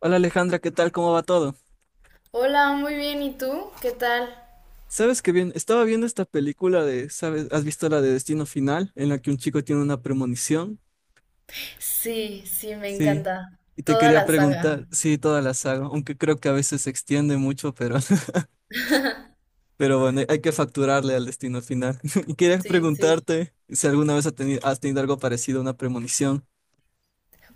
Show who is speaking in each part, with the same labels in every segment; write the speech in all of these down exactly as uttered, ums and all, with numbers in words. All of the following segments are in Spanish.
Speaker 1: Hola Alejandra, ¿qué tal? ¿Cómo va todo?
Speaker 2: Hola, muy bien. ¿Y tú? ¿Qué tal?
Speaker 1: Sabes que bien, estaba viendo esta película de, ¿sabes? ¿Has visto la de Destino Final? En la que un chico tiene una premonición.
Speaker 2: Sí, sí, me
Speaker 1: Sí.
Speaker 2: encanta.
Speaker 1: Y te
Speaker 2: Toda
Speaker 1: quería
Speaker 2: la saga.
Speaker 1: preguntar, sí, toda la saga, aunque creo que a veces se extiende mucho, pero, pero bueno, hay que facturarle al Destino Final. Y quería
Speaker 2: Sí, sí.
Speaker 1: preguntarte si alguna vez has tenido, has tenido algo parecido a una premonición.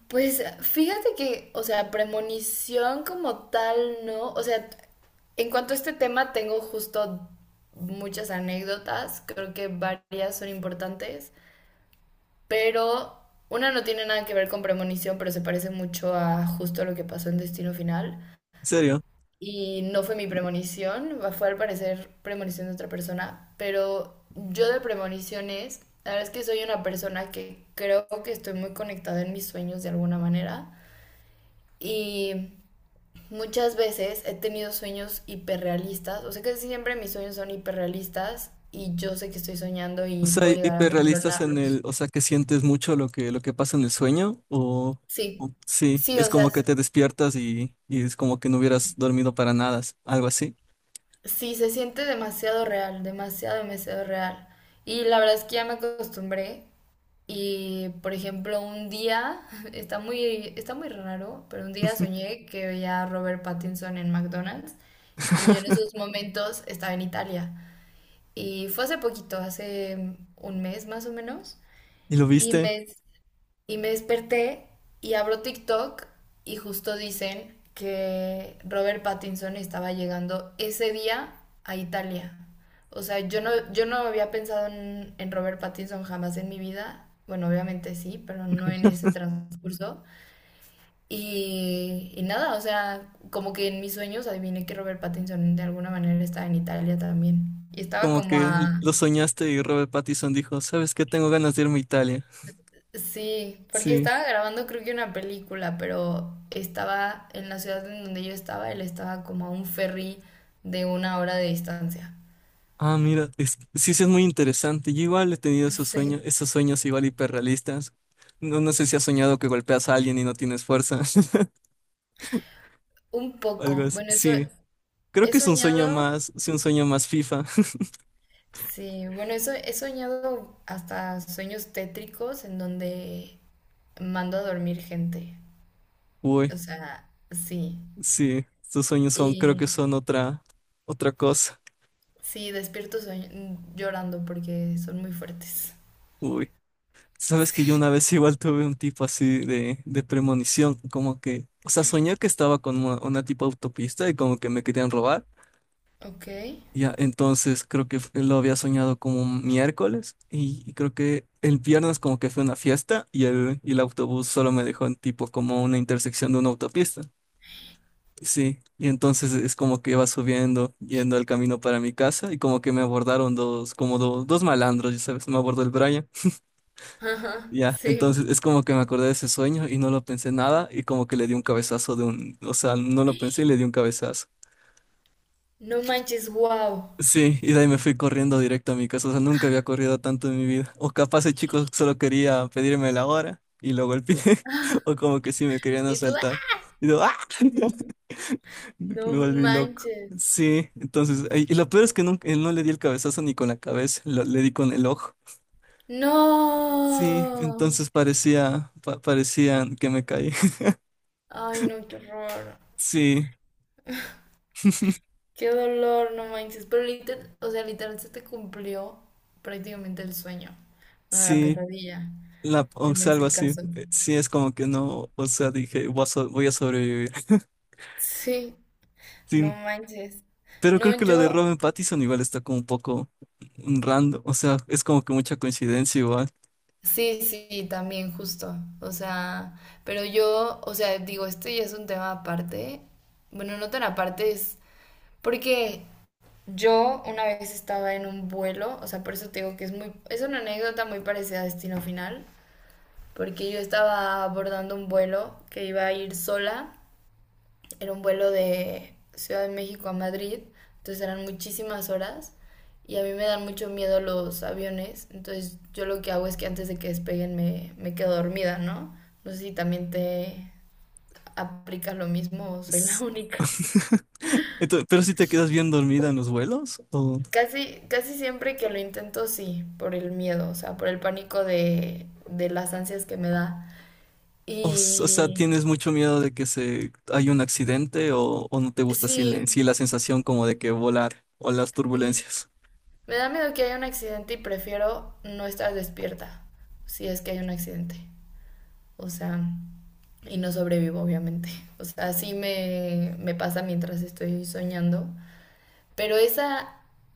Speaker 2: Pues fíjate que, o sea, premonición como tal, ¿no? O sea, en cuanto a este tema, tengo justo muchas anécdotas. Creo que varias son importantes. Pero una no tiene nada que ver con premonición, pero se parece mucho a justo lo que pasó en Destino Final.
Speaker 1: ¿En serio?
Speaker 2: Y no fue mi premonición, fue al parecer premonición de otra persona, pero yo de premoniciones, la verdad es que soy una persona que creo que estoy muy conectada en mis sueños de alguna manera y muchas veces he tenido sueños hiperrealistas, o sea que siempre mis sueños son hiperrealistas y yo sé que estoy soñando
Speaker 1: O
Speaker 2: y
Speaker 1: sea,
Speaker 2: puedo
Speaker 1: hi-
Speaker 2: llegar a
Speaker 1: hiperrealistas en el,
Speaker 2: controlarlos.
Speaker 1: o sea, que sientes mucho lo que, lo que pasa en el sueño, o,
Speaker 2: Sí,
Speaker 1: o sí,
Speaker 2: sí,
Speaker 1: es
Speaker 2: o sea,
Speaker 1: como que
Speaker 2: s-
Speaker 1: te despiertas y, y es como que no hubieras dormido para nada, algo así.
Speaker 2: sí se siente demasiado real, demasiado, demasiado real. Y la verdad es que ya me acostumbré. Y, por ejemplo, un día, está muy, está muy raro, pero un día soñé que veía a Robert Pattinson en McDonald's y yo en esos momentos estaba en Italia. Y fue hace poquito, hace un mes más o menos,
Speaker 1: ¿Y lo
Speaker 2: y
Speaker 1: viste?
Speaker 2: me, y me desperté y abro TikTok y justo dicen que Robert Pattinson estaba llegando ese día a Italia. O sea, yo no, yo no había pensado en, en Robert Pattinson jamás en mi vida. Bueno, obviamente sí, pero no en ese transcurso. Y, y nada, o sea, como que en mis sueños adiviné que Robert Pattinson de alguna manera estaba en Italia también. Y estaba
Speaker 1: Como
Speaker 2: como
Speaker 1: que l-
Speaker 2: a...
Speaker 1: lo soñaste y Robert Pattinson dijo, ¿sabes qué? Tengo ganas de irme a Italia.
Speaker 2: Sí, porque
Speaker 1: Sí.
Speaker 2: estaba grabando creo que una película, pero estaba en la ciudad en donde yo estaba, él estaba como a un ferry de una hora de distancia.
Speaker 1: Ah, mira, es, sí, sí es muy interesante. Yo igual he tenido esos sueños,
Speaker 2: Sí,
Speaker 1: esos sueños igual hiperrealistas. No, no sé si has soñado que golpeas a alguien y no tienes fuerza.
Speaker 2: un
Speaker 1: O algo
Speaker 2: poco.
Speaker 1: así.
Speaker 2: Bueno, eso
Speaker 1: Sí, creo
Speaker 2: he
Speaker 1: que es un sueño
Speaker 2: soñado,
Speaker 1: más, sí, un sueño más FIFA.
Speaker 2: sí, bueno, eso he soñado hasta sueños tétricos en donde mando a dormir gente. O
Speaker 1: Uy,
Speaker 2: sea, sí.
Speaker 1: sí, estos sueños son, creo
Speaker 2: Y
Speaker 1: que son otra, otra cosa.
Speaker 2: sí, despierto soñ- llorando porque son muy fuertes.
Speaker 1: Uy, sabes que yo
Speaker 2: Sí.
Speaker 1: una vez igual tuve un tipo así de, de premonición, como que, o sea, soñé que estaba con una, una tipo autopista y como que me querían robar.
Speaker 2: Ok.
Speaker 1: Ya, entonces creo que lo había soñado como un miércoles y, y creo que el viernes como que fue una fiesta y el, y el autobús solo me dejó en tipo como una intersección de una autopista. Sí, y entonces es como que iba subiendo, yendo al camino para mi casa y como que me abordaron dos, como do- dos malandros, ya sabes, me abordó el Brian.
Speaker 2: Ajá,
Speaker 1: Ya,
Speaker 2: sí.
Speaker 1: entonces es como que me acordé de ese sueño y no lo pensé nada y como que le di un cabezazo de un, o sea, no lo pensé y le di un cabezazo.
Speaker 2: No manches, wow.
Speaker 1: Sí, y de ahí me fui corriendo directo a mi casa. O sea, nunca había corrido tanto en mi vida. O capaz el chico solo quería pedirme la hora y lo golpeé. O como que sí me querían
Speaker 2: Y tú, ¡ah!
Speaker 1: asaltar. Y yo, ¡ah!
Speaker 2: Ujú. No
Speaker 1: Me volví loco.
Speaker 2: manches.
Speaker 1: Sí, entonces, y y lo peor es que nunca, no le di el cabezazo ni con la cabeza, lo- le di con el ojo. Sí,
Speaker 2: No.
Speaker 1: entonces parecía, pa- parecía que me caí.
Speaker 2: Ay, no, qué horror.
Speaker 1: Sí,
Speaker 2: Qué dolor, no manches. Pero literal, o sea, literal se te cumplió prácticamente el sueño. Bueno, la
Speaker 1: sí,
Speaker 2: pesadilla,
Speaker 1: la, o
Speaker 2: en
Speaker 1: sea, algo
Speaker 2: ese
Speaker 1: así.
Speaker 2: caso.
Speaker 1: Eh, Sí, es como que no, o sea, dije, voy a so- voy a sobrevivir.
Speaker 2: Sí, no
Speaker 1: Sí,
Speaker 2: manches.
Speaker 1: pero
Speaker 2: No,
Speaker 1: creo que lo de
Speaker 2: yo,
Speaker 1: Robin Pattinson igual está como un poco random, o sea, es como que mucha coincidencia igual.
Speaker 2: sí, sí, también justo. O sea, pero yo, o sea, digo, esto ya es un tema aparte. Bueno, no tan aparte es porque yo una vez estaba en un vuelo, o sea, por eso te digo que es muy, es una anécdota muy parecida a Destino Final, porque yo estaba abordando un vuelo que iba a ir sola, era un vuelo de Ciudad de México a Madrid, entonces eran muchísimas horas y a mí me dan mucho miedo los aviones, entonces yo lo que hago es que antes de que despeguen me, me quedo dormida, ¿no? No sé si también te aplicas lo mismo o soy la
Speaker 1: Es-
Speaker 2: única.
Speaker 1: Entonces, pero si te quedas bien dormida en los vuelos, o,
Speaker 2: Casi, casi siempre que lo intento, sí, por el miedo, o sea, por el pánico de, de las ansias que me da.
Speaker 1: o, s- o sea,
Speaker 2: Y
Speaker 1: tienes mucho miedo de que se haya un accidente o, o no te gusta así, la- en
Speaker 2: sí,
Speaker 1: sí la sensación como de que volar o las
Speaker 2: mm,
Speaker 1: turbulencias.
Speaker 2: me da miedo que haya un accidente y prefiero no estar despierta si es que hay un accidente. O sea, y no sobrevivo, obviamente. O sea, así me, me pasa mientras estoy soñando. Pero esa,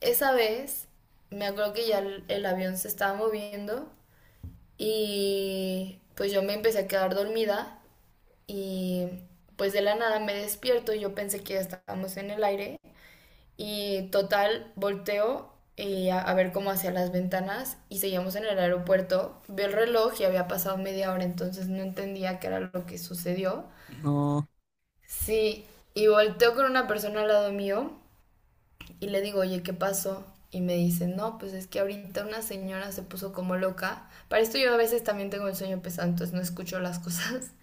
Speaker 2: esa vez, me acuerdo que ya el el avión se estaba moviendo. Y pues yo me empecé a quedar dormida y pues de la nada me despierto y yo pensé que ya estábamos en el aire y total volteo y a, a ver cómo hacia las ventanas y seguíamos en el aeropuerto. Veo el reloj y había pasado media hora, entonces no entendía qué era lo que sucedió.
Speaker 1: No,
Speaker 2: Sí, y volteo con una persona al lado mío y le digo, oye, ¿qué pasó? Y me dice, no, pues es que ahorita una señora se puso como loca. Para esto yo a veces también tengo el sueño pesado, entonces no escucho las cosas.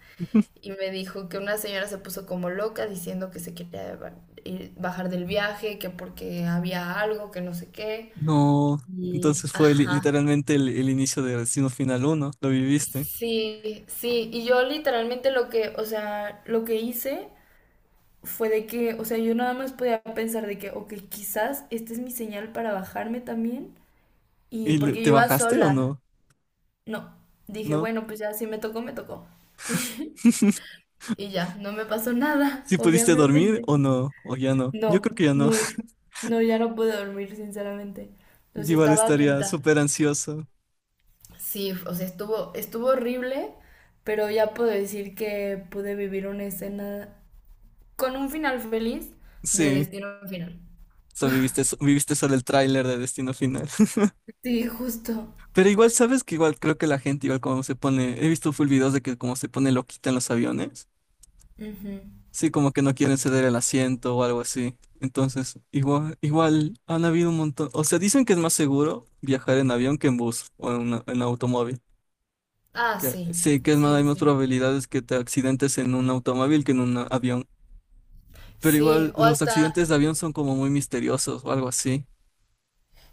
Speaker 2: Y me dijo que una señora se puso como loca diciendo que se quería ba- ir- bajar del viaje, que porque había algo, que no sé qué.
Speaker 1: no.
Speaker 2: Y,
Speaker 1: Entonces fue li-
Speaker 2: ajá,
Speaker 1: literalmente el, el inicio de Destino Final uno lo viviste.
Speaker 2: sí, sí, y yo literalmente lo que, o sea, lo que hice fue de que, o sea, yo nada más podía pensar de que, ok, quizás esta es mi señal para bajarme también, y
Speaker 1: ¿Y le-
Speaker 2: porque yo
Speaker 1: te
Speaker 2: iba
Speaker 1: bajaste o
Speaker 2: sola,
Speaker 1: no?
Speaker 2: no, dije,
Speaker 1: No.
Speaker 2: bueno, pues ya si me tocó, me tocó. Y ya, no me pasó nada,
Speaker 1: ¿Si pudiste dormir
Speaker 2: obviamente.
Speaker 1: o no? ¿O ya no? Yo
Speaker 2: No,
Speaker 1: creo que ya no.
Speaker 2: no, no, ya no pude dormir, sinceramente. O sea,
Speaker 1: Igual
Speaker 2: estaba
Speaker 1: estaría
Speaker 2: atenta.
Speaker 1: súper ansioso.
Speaker 2: Sí, o sea, estuvo, estuvo horrible, pero ya puedo decir que pude vivir una escena con un final feliz de
Speaker 1: Sí,
Speaker 2: Destino Final.
Speaker 1: so viviste, so- viviste solo el tráiler de Destino Final.
Speaker 2: Sí, justo.
Speaker 1: Pero igual, ¿sabes que igual creo que la gente igual como se pone? He visto full videos de que como se pone loquita en los aviones.
Speaker 2: Ujú.
Speaker 1: Sí, como que no quieren ceder el asiento o algo así. Entonces, igual, igual han habido un montón. O sea, dicen que es más seguro viajar en avión que en bus o en, una- en automóvil.
Speaker 2: Ah,
Speaker 1: Que,
Speaker 2: sí,
Speaker 1: sí, que es más,
Speaker 2: sí,
Speaker 1: hay más
Speaker 2: sí.
Speaker 1: probabilidades que te accidentes en un automóvil que en un avión. Pero
Speaker 2: Sí,
Speaker 1: igual
Speaker 2: o
Speaker 1: los accidentes de
Speaker 2: hasta,
Speaker 1: avión son como muy misteriosos o algo así.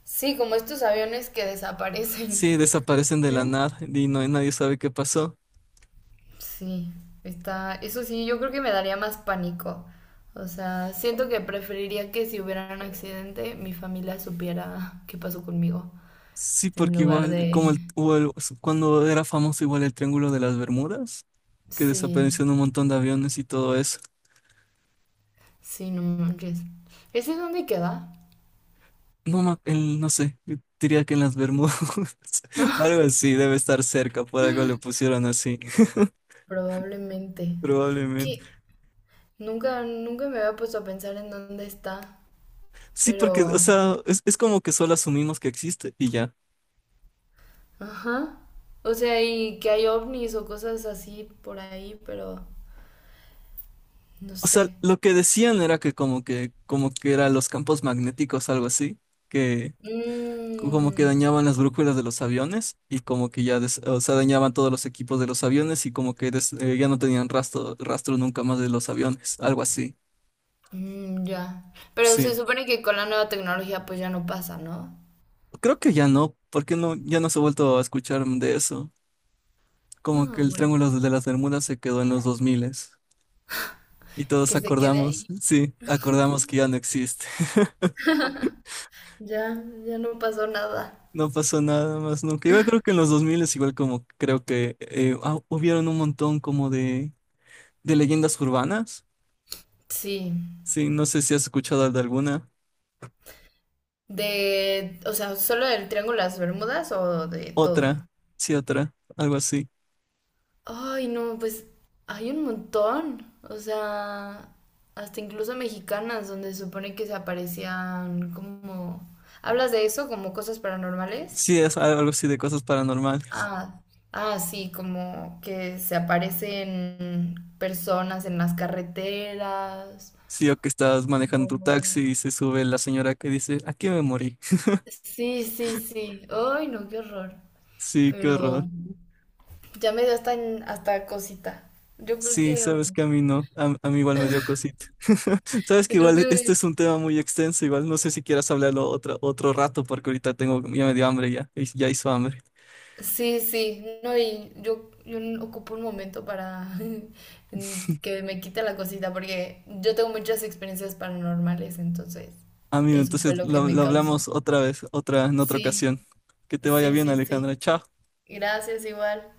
Speaker 2: sí, como estos aviones que desaparecen.
Speaker 1: Sí, desaparecen de la
Speaker 2: ¿No?
Speaker 1: nada y no, nadie sabe qué pasó.
Speaker 2: Sí, está, eso sí, yo creo que me daría más pánico. O sea, siento que preferiría que si hubiera un accidente, mi familia supiera qué pasó conmigo,
Speaker 1: Sí,
Speaker 2: en
Speaker 1: porque
Speaker 2: lugar
Speaker 1: igual, como el,
Speaker 2: de...
Speaker 1: o el- cuando era famoso igual el Triángulo de las Bermudas, que
Speaker 2: Sí,
Speaker 1: desaparecieron un montón de aviones y todo eso.
Speaker 2: sí, no manches. ¿Ese dónde queda?
Speaker 1: No, ma- el- no sé, yo diría que en las Bermudas, algo así, debe estar cerca, por algo le pusieron así,
Speaker 2: Probablemente.
Speaker 1: probablemente.
Speaker 2: Que nunca, nunca me había puesto a pensar en dónde está,
Speaker 1: Sí, porque, o
Speaker 2: pero...
Speaker 1: sea, es, es como que solo asumimos que existe y ya.
Speaker 2: Ajá. O sea, y que hay ovnis o cosas así por ahí, pero... No
Speaker 1: O
Speaker 2: sé.
Speaker 1: sea, lo que decían era que como que, como que eran los campos magnéticos, algo así, que como que
Speaker 2: Mm.
Speaker 1: dañaban las brújulas de los aviones y como que ya, des- o sea, dañaban todos los equipos de los aviones y como que des- eh, ya no tenían rastro, rastro nunca más de los aviones, algo así.
Speaker 2: Mm, ya. Pero se
Speaker 1: Sí,
Speaker 2: supone que con la nueva tecnología pues ya no pasa, ¿no?
Speaker 1: creo que ya no, porque no, ya no se ha vuelto a escuchar de eso. Como que
Speaker 2: Ah,
Speaker 1: el
Speaker 2: bueno.
Speaker 1: Triángulo de las Bermudas se quedó en los dos mil y todos
Speaker 2: Que se quede
Speaker 1: acordamos,
Speaker 2: ahí.
Speaker 1: sí, acordamos que ya no existe.
Speaker 2: Ya, ya no pasó nada.
Speaker 1: No pasó nada más nunca. Igual creo que en los dos mil es igual como creo que eh, ah, hubieron un montón como de, de leyendas urbanas.
Speaker 2: Sí.
Speaker 1: Sí, no sé si has escuchado de alguna.
Speaker 2: De, o sea, solo del Triángulo de las Bermudas o de todo.
Speaker 1: Otra, sí, otra, algo así.
Speaker 2: Ay, no, pues hay un montón. O sea, hasta incluso mexicanas donde se supone que se aparecían como... ¿Hablas de eso como cosas paranormales?
Speaker 1: Sí, es algo así de cosas paranormales.
Speaker 2: Ah, ah, sí, como que se aparecen personas en las carreteras.
Speaker 1: Sí, o que estás manejando
Speaker 2: o-
Speaker 1: tu taxi y se sube la señora que dice, aquí me morí.
Speaker 2: Sí, sí, sí. Ay, no, qué horror.
Speaker 1: Sí, qué horror.
Speaker 2: Pero ya me dio hasta, hasta cosita. Yo creo
Speaker 1: Sí,
Speaker 2: que, oh,
Speaker 1: sabes que a mí no, a, a mí igual me dio cosita. Sabes que
Speaker 2: yo creo
Speaker 1: igual este
Speaker 2: que
Speaker 1: es un tema muy extenso, igual no sé si quieras hablarlo otro, otro rato porque ahorita tengo, ya me dio hambre ya, y- ya hizo hambre.
Speaker 2: sí, sí. No, y yo, yo no ocupo un momento para que me quite la cosita, porque yo tengo muchas experiencias paranormales, entonces
Speaker 1: Amigo,
Speaker 2: eso fue
Speaker 1: entonces
Speaker 2: lo que
Speaker 1: lo,
Speaker 2: me
Speaker 1: lo
Speaker 2: causó.
Speaker 1: hablamos otra vez, otra, en otra
Speaker 2: Sí,
Speaker 1: ocasión. Que te vaya
Speaker 2: sí,
Speaker 1: bien,
Speaker 2: sí, sí.
Speaker 1: Alejandra. Chao.
Speaker 2: Gracias igual.